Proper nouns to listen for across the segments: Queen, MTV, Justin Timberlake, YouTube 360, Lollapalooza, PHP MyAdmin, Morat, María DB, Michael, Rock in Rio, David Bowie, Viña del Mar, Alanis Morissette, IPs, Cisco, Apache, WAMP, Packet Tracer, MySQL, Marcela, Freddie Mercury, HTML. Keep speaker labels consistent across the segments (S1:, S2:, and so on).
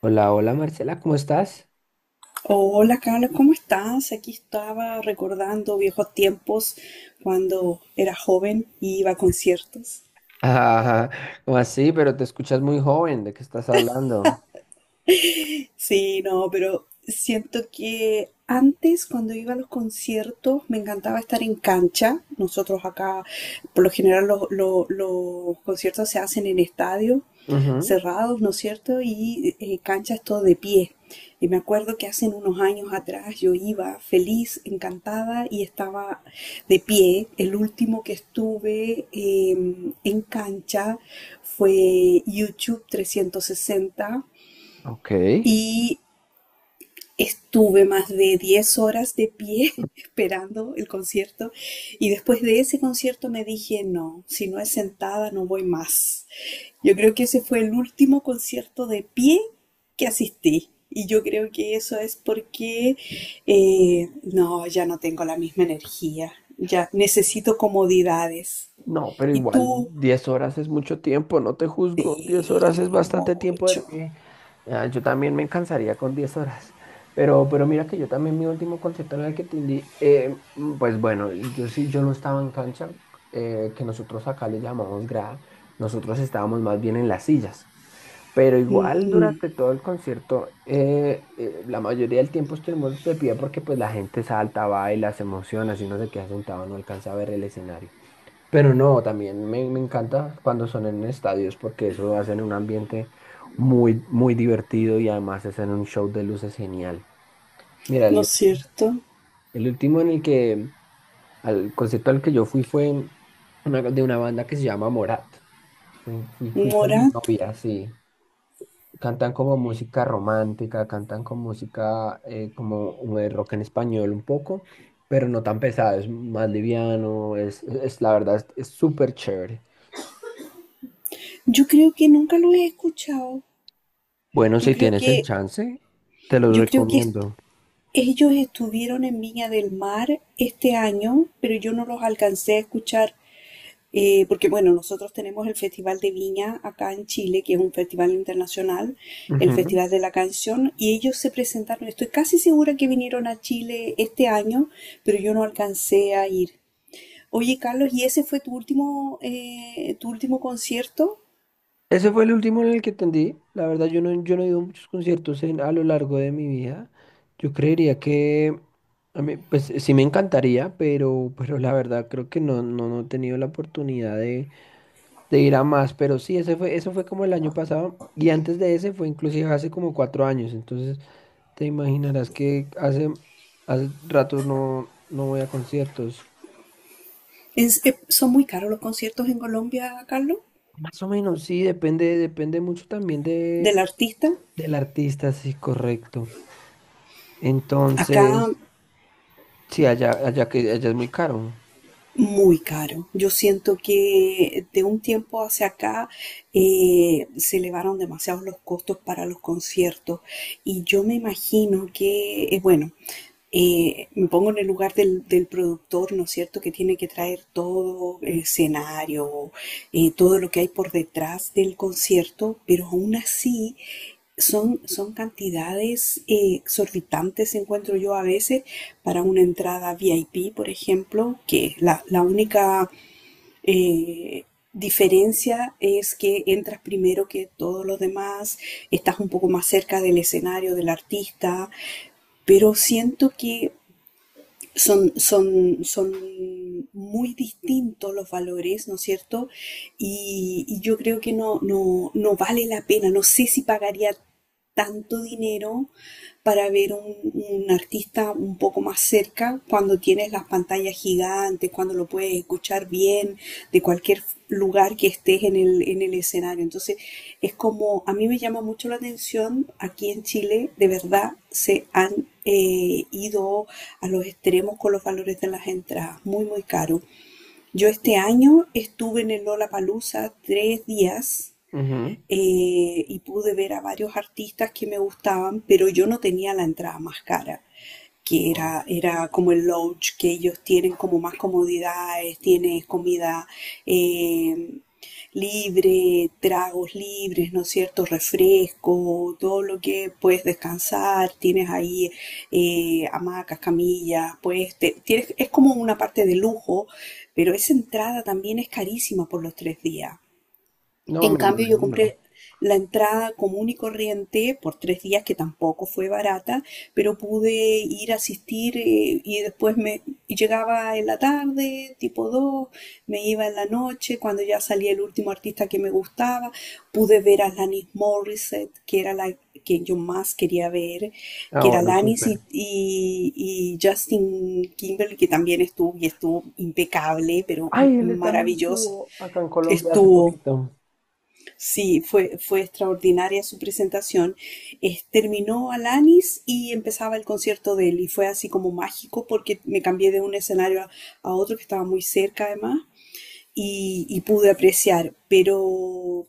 S1: Hola, hola Marcela, ¿cómo estás?
S2: Hola Carlos, ¿cómo estás? Aquí estaba recordando viejos tiempos cuando era joven y iba a conciertos.
S1: Ajá, ¿cómo así? Pero te escuchas muy joven, ¿de qué estás hablando?
S2: Sí, no, pero siento que antes, cuando iba a los conciertos, me encantaba estar en cancha. Nosotros acá, por lo general, los conciertos se hacen en estadios
S1: Ujú.
S2: cerrados, ¿no es cierto? Y cancha es todo de pie. Y me acuerdo que hace unos años atrás yo iba feliz, encantada, y estaba de pie. El último que estuve en cancha fue YouTube 360.
S1: Ok.
S2: Y Estuve más de 10 horas de pie esperando el concierto y después de ese concierto me dije, no, si no es sentada no voy más. Yo creo que ese fue el último concierto de pie que asistí, y yo creo que eso es porque no, ya no tengo la misma energía, ya necesito comodidades.
S1: No, pero
S2: Y
S1: igual
S2: tú,
S1: 10 horas es mucho tiempo, no te juzgo, 10 horas es
S2: eh,
S1: bastante tiempo de
S2: mucho,
S1: pie. Ah, yo también me cansaría con 10 horas, pero mira que yo también mi último concierto en el que tendí, pues bueno, yo sí, yo no estaba en cancha, que nosotros acá le llamamos grada, nosotros estábamos más bien en las sillas. Pero igual durante todo el concierto, la mayoría del tiempo estuvimos de pie porque pues la gente salta, baila, se emociona, si uno se queda sentado no alcanza a ver el escenario. Pero no, también me encanta cuando son en estadios porque eso hacen un ambiente muy, muy divertido y además hacen un show de luces genial. Mira,
S2: ¿no es cierto?
S1: el último en el que, al concierto al que yo fui fue de una banda que se llama Morat. Fui con mi
S2: Morat,
S1: novia, sí. Cantan como música romántica, cantan con música como un rock en español un poco, pero no tan pesado, es más liviano, es la verdad, es súper chévere.
S2: yo creo que nunca lo he escuchado.
S1: Bueno,
S2: Yo
S1: si
S2: creo
S1: tienes el
S2: que,
S1: chance, te los
S2: yo creo que est-
S1: recomiendo.
S2: ellos estuvieron en Viña del Mar este año, pero yo no los alcancé a escuchar, porque bueno, nosotros tenemos el Festival de Viña acá en Chile, que es un festival internacional, el
S1: Ujú.
S2: Festival de la Canción, y ellos se presentaron, estoy casi segura que vinieron a Chile este año, pero yo no alcancé a ir. Oye, Carlos, ¿y ese fue tu último concierto?
S1: Ese fue el último en el que atendí. La verdad, yo no he ido a muchos conciertos en, a lo largo de mi vida. Yo creería que, a mí, pues sí me encantaría, pero la verdad creo que no he tenido la oportunidad de ir a más, pero sí, eso fue como el año pasado y antes de ese fue inclusive hace como 4 años, entonces te imaginarás que hace, hace rato no voy a conciertos.
S2: ¿Son muy caros los conciertos en Colombia, Carlos?
S1: Más o menos, sí, depende, depende mucho también de,
S2: ¿Del artista?
S1: del artista, sí, correcto.
S2: Acá
S1: Entonces, sí, allá que allá es muy caro.
S2: muy caro. Yo siento que de un tiempo hacia acá se elevaron demasiados los costos para los conciertos, y yo me imagino que, bueno, me pongo en el lugar del productor, ¿no es cierto? Que tiene que traer todo el escenario, todo lo que hay por detrás del concierto, pero aún así son cantidades exorbitantes, encuentro yo a veces, para una entrada VIP, por ejemplo, que la única eh, diferencia es que entras primero que todos los demás, estás un poco más cerca del escenario, del artista, pero siento que son muy distintos los valores, ¿no es cierto? Y yo creo que no vale la pena, no sé si pagaría tanto dinero para ver un artista un poco más cerca cuando tienes las pantallas gigantes, cuando lo puedes escuchar bien de cualquier lugar que estés en en el escenario. Entonces, es como, a mí me llama mucho la atención, aquí en Chile de verdad se han ido a los extremos con los valores de las entradas, muy, muy caro. Yo este año estuve en el Lollapalooza 3 días,
S1: Ujú.
S2: y pude ver a varios artistas que me gustaban, pero yo no tenía la entrada más cara, que
S1: Wow.
S2: era como el lounge, que ellos tienen como más comodidades, tienes comida, eh, libre, tragos libres, ¿no es cierto? Refresco, todo lo que puedes descansar, tienes ahí hamacas, camillas, pues tienes, es como una parte de lujo, pero esa entrada también es carísima por los 3 días.
S1: No,
S2: En
S1: me
S2: cambio, yo
S1: imagino.
S2: compré la entrada común y corriente por 3 días, que tampoco fue barata, pero pude ir a asistir, y después me y llegaba en la tarde, tipo 2, me iba en la noche, cuando ya salía el último artista que me gustaba. Pude ver a Alanis Morissette, que era la que yo más quería ver,
S1: Ah,
S2: que era
S1: bueno,
S2: Alanis
S1: súper.
S2: y, y Justin Timberlake, que también estuvo y estuvo impecable, pero
S1: Ay, él también
S2: maravilloso
S1: estuvo acá en Colombia hace
S2: estuvo.
S1: poquito.
S2: Sí, fue, fue extraordinaria su presentación. Terminó Alanis y empezaba el concierto de él, y fue así como mágico porque me cambié de un escenario a otro que estaba muy cerca además, y pude apreciar,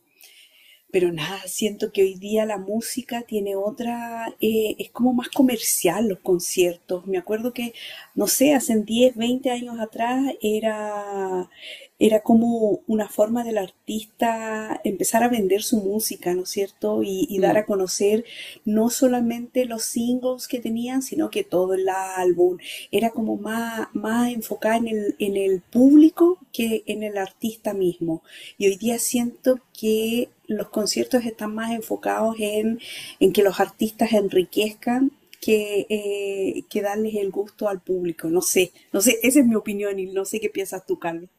S2: pero nada, siento que hoy día la música tiene otra, es como más comercial los conciertos. Me acuerdo que, no sé, hace 10 20 años atrás era, era como una forma del artista empezar a vender su música, ¿no es cierto? Y dar
S1: Sí.
S2: a conocer no solamente los singles que tenían, sino que todo el álbum. Era como más, más enfocada en en el público que en el artista mismo. Y hoy día siento que los conciertos están más enfocados en que los artistas enriquezcan que darles el gusto al público. No sé, no sé, esa es mi opinión y no sé qué piensas tú, Carlos.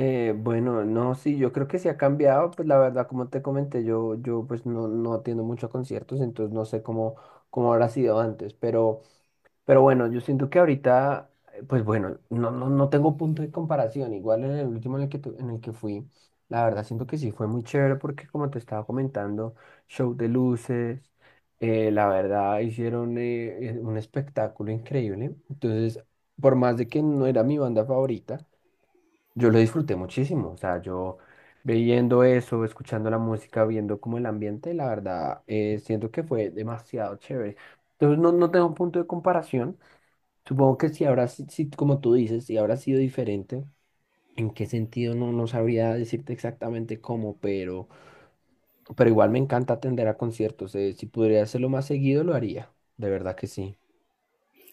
S1: Bueno, no, sí, yo creo que sí ha cambiado, pues la verdad, como te comenté, yo pues no, no atiendo mucho a conciertos, entonces no sé cómo, cómo habrá sido antes, pero bueno, yo siento que ahorita, pues bueno, no tengo punto de comparación, igual en el último en el que, en el que fui, la verdad siento que sí fue muy chévere porque como te estaba comentando, show de luces, la verdad hicieron un espectáculo increíble, entonces por más de que no era mi banda favorita, yo lo disfruté muchísimo, o sea, yo viendo eso, escuchando la música, viendo como el ambiente, la verdad, siento que fue demasiado chévere. Entonces no, no tengo un punto de comparación. Supongo que si habrá, si, como tú dices, si habrá sido diferente, en qué sentido no, no sabría decirte exactamente cómo, pero igual me encanta atender a conciertos. Si pudiera hacerlo más seguido, lo haría. De verdad que sí.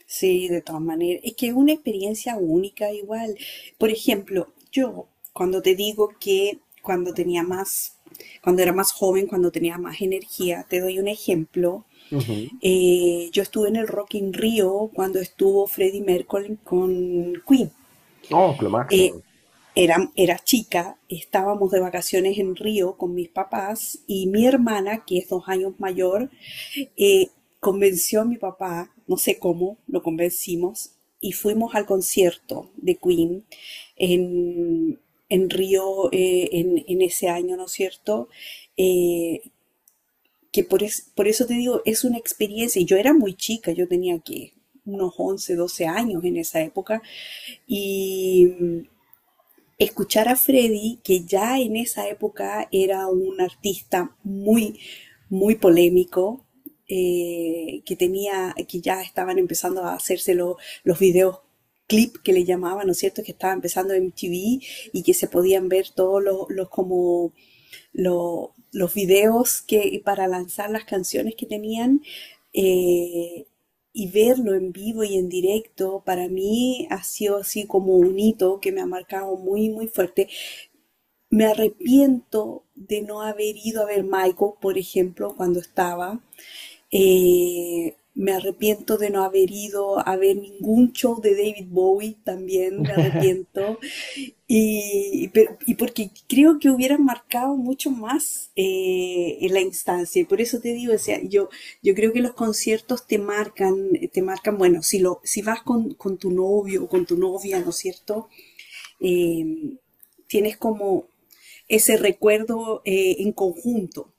S2: Sí, de todas maneras. Es que es una experiencia única igual. Por ejemplo, yo cuando te digo que cuando tenía más, cuando era más joven, cuando tenía más energía, te doy un ejemplo.
S1: Ujú.
S2: Yo estuve en el Rock in Rio cuando estuvo Freddie Mercury con Queen.
S1: Oh, lo
S2: Eh,
S1: máximo.
S2: Era, era chica, estábamos de vacaciones en Río con mis papás y mi hermana, que es 2 años mayor. eh, Convenció a mi papá, no sé cómo, lo convencimos y fuimos al concierto de Queen en, en Río, en ese año, ¿no es cierto? Eh, por eso te digo, es una experiencia. Y yo era muy chica, yo tenía que unos 11 12 años en esa época, y escuchar a Freddy, que ya en esa época era un artista muy, muy polémico, que tenía, que ya estaban empezando a hacerse los videos clip que le llamaban, ¿no es cierto? Que estaba empezando en MTV, y que se podían ver todos los como los videos que para lanzar las canciones que tenían, eh, y verlo en vivo y en directo, para mí ha sido así como un hito que me ha marcado muy muy fuerte. Me arrepiento de no haber ido a ver Michael, por ejemplo, cuando estaba. Me arrepiento de no haber ido a ver ningún show de David Bowie, también me arrepiento. Y, y porque creo que hubieran marcado mucho más, en la instancia. Y por eso te digo, o sea, yo creo que los conciertos te marcan, bueno, si, lo, si vas con tu novio o con tu novia, ¿no es cierto? Eh, Tienes como ese recuerdo, en conjunto.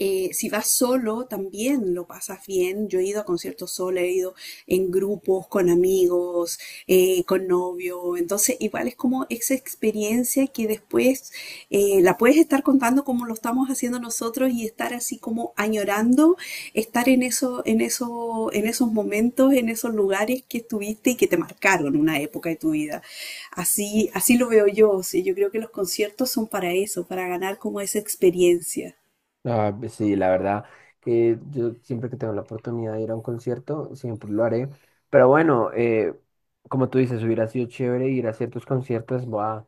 S2: Si vas solo, también lo pasas bien. Yo he ido a conciertos solo, he ido en grupos, con amigos, con novio. Entonces, igual es como esa experiencia que después la puedes estar contando como lo estamos haciendo nosotros y estar así como añorando, estar en eso, en eso, en esos momentos, en esos lugares que estuviste y que te marcaron una época de tu vida. Así, así lo veo yo. O sea, yo creo que los conciertos son para eso, para ganar como esa experiencia.
S1: Ah, pues sí, la verdad que yo siempre que tengo la oportunidad de ir a un concierto, siempre lo haré. Pero bueno, como tú dices, hubiera sido chévere ir a ciertos conciertos.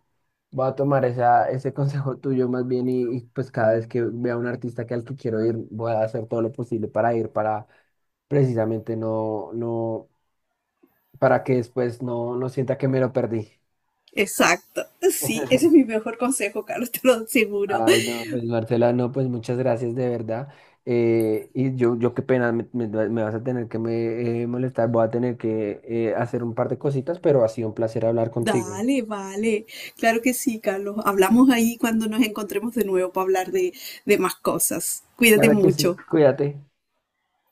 S1: Voy a tomar esa, ese consejo tuyo más bien y, pues cada vez que vea un artista que al que quiero ir, voy a hacer todo lo posible para ir, para precisamente para que después no sienta que me lo perdí.
S2: Exacto, sí, ese es mi mejor consejo, Carlos, te lo aseguro.
S1: Ay, no, pues Marcela, no, pues muchas gracias de verdad. Yo qué pena, me- me vas a tener que me, molestar, voy a tener que hacer un par de cositas, pero ha sido un placer hablar contigo.
S2: Dale, vale, claro que sí, Carlos. Hablamos ahí cuando nos encontremos de nuevo para hablar de más cosas. Cuídate
S1: Claro que
S2: mucho.
S1: sí, cuídate.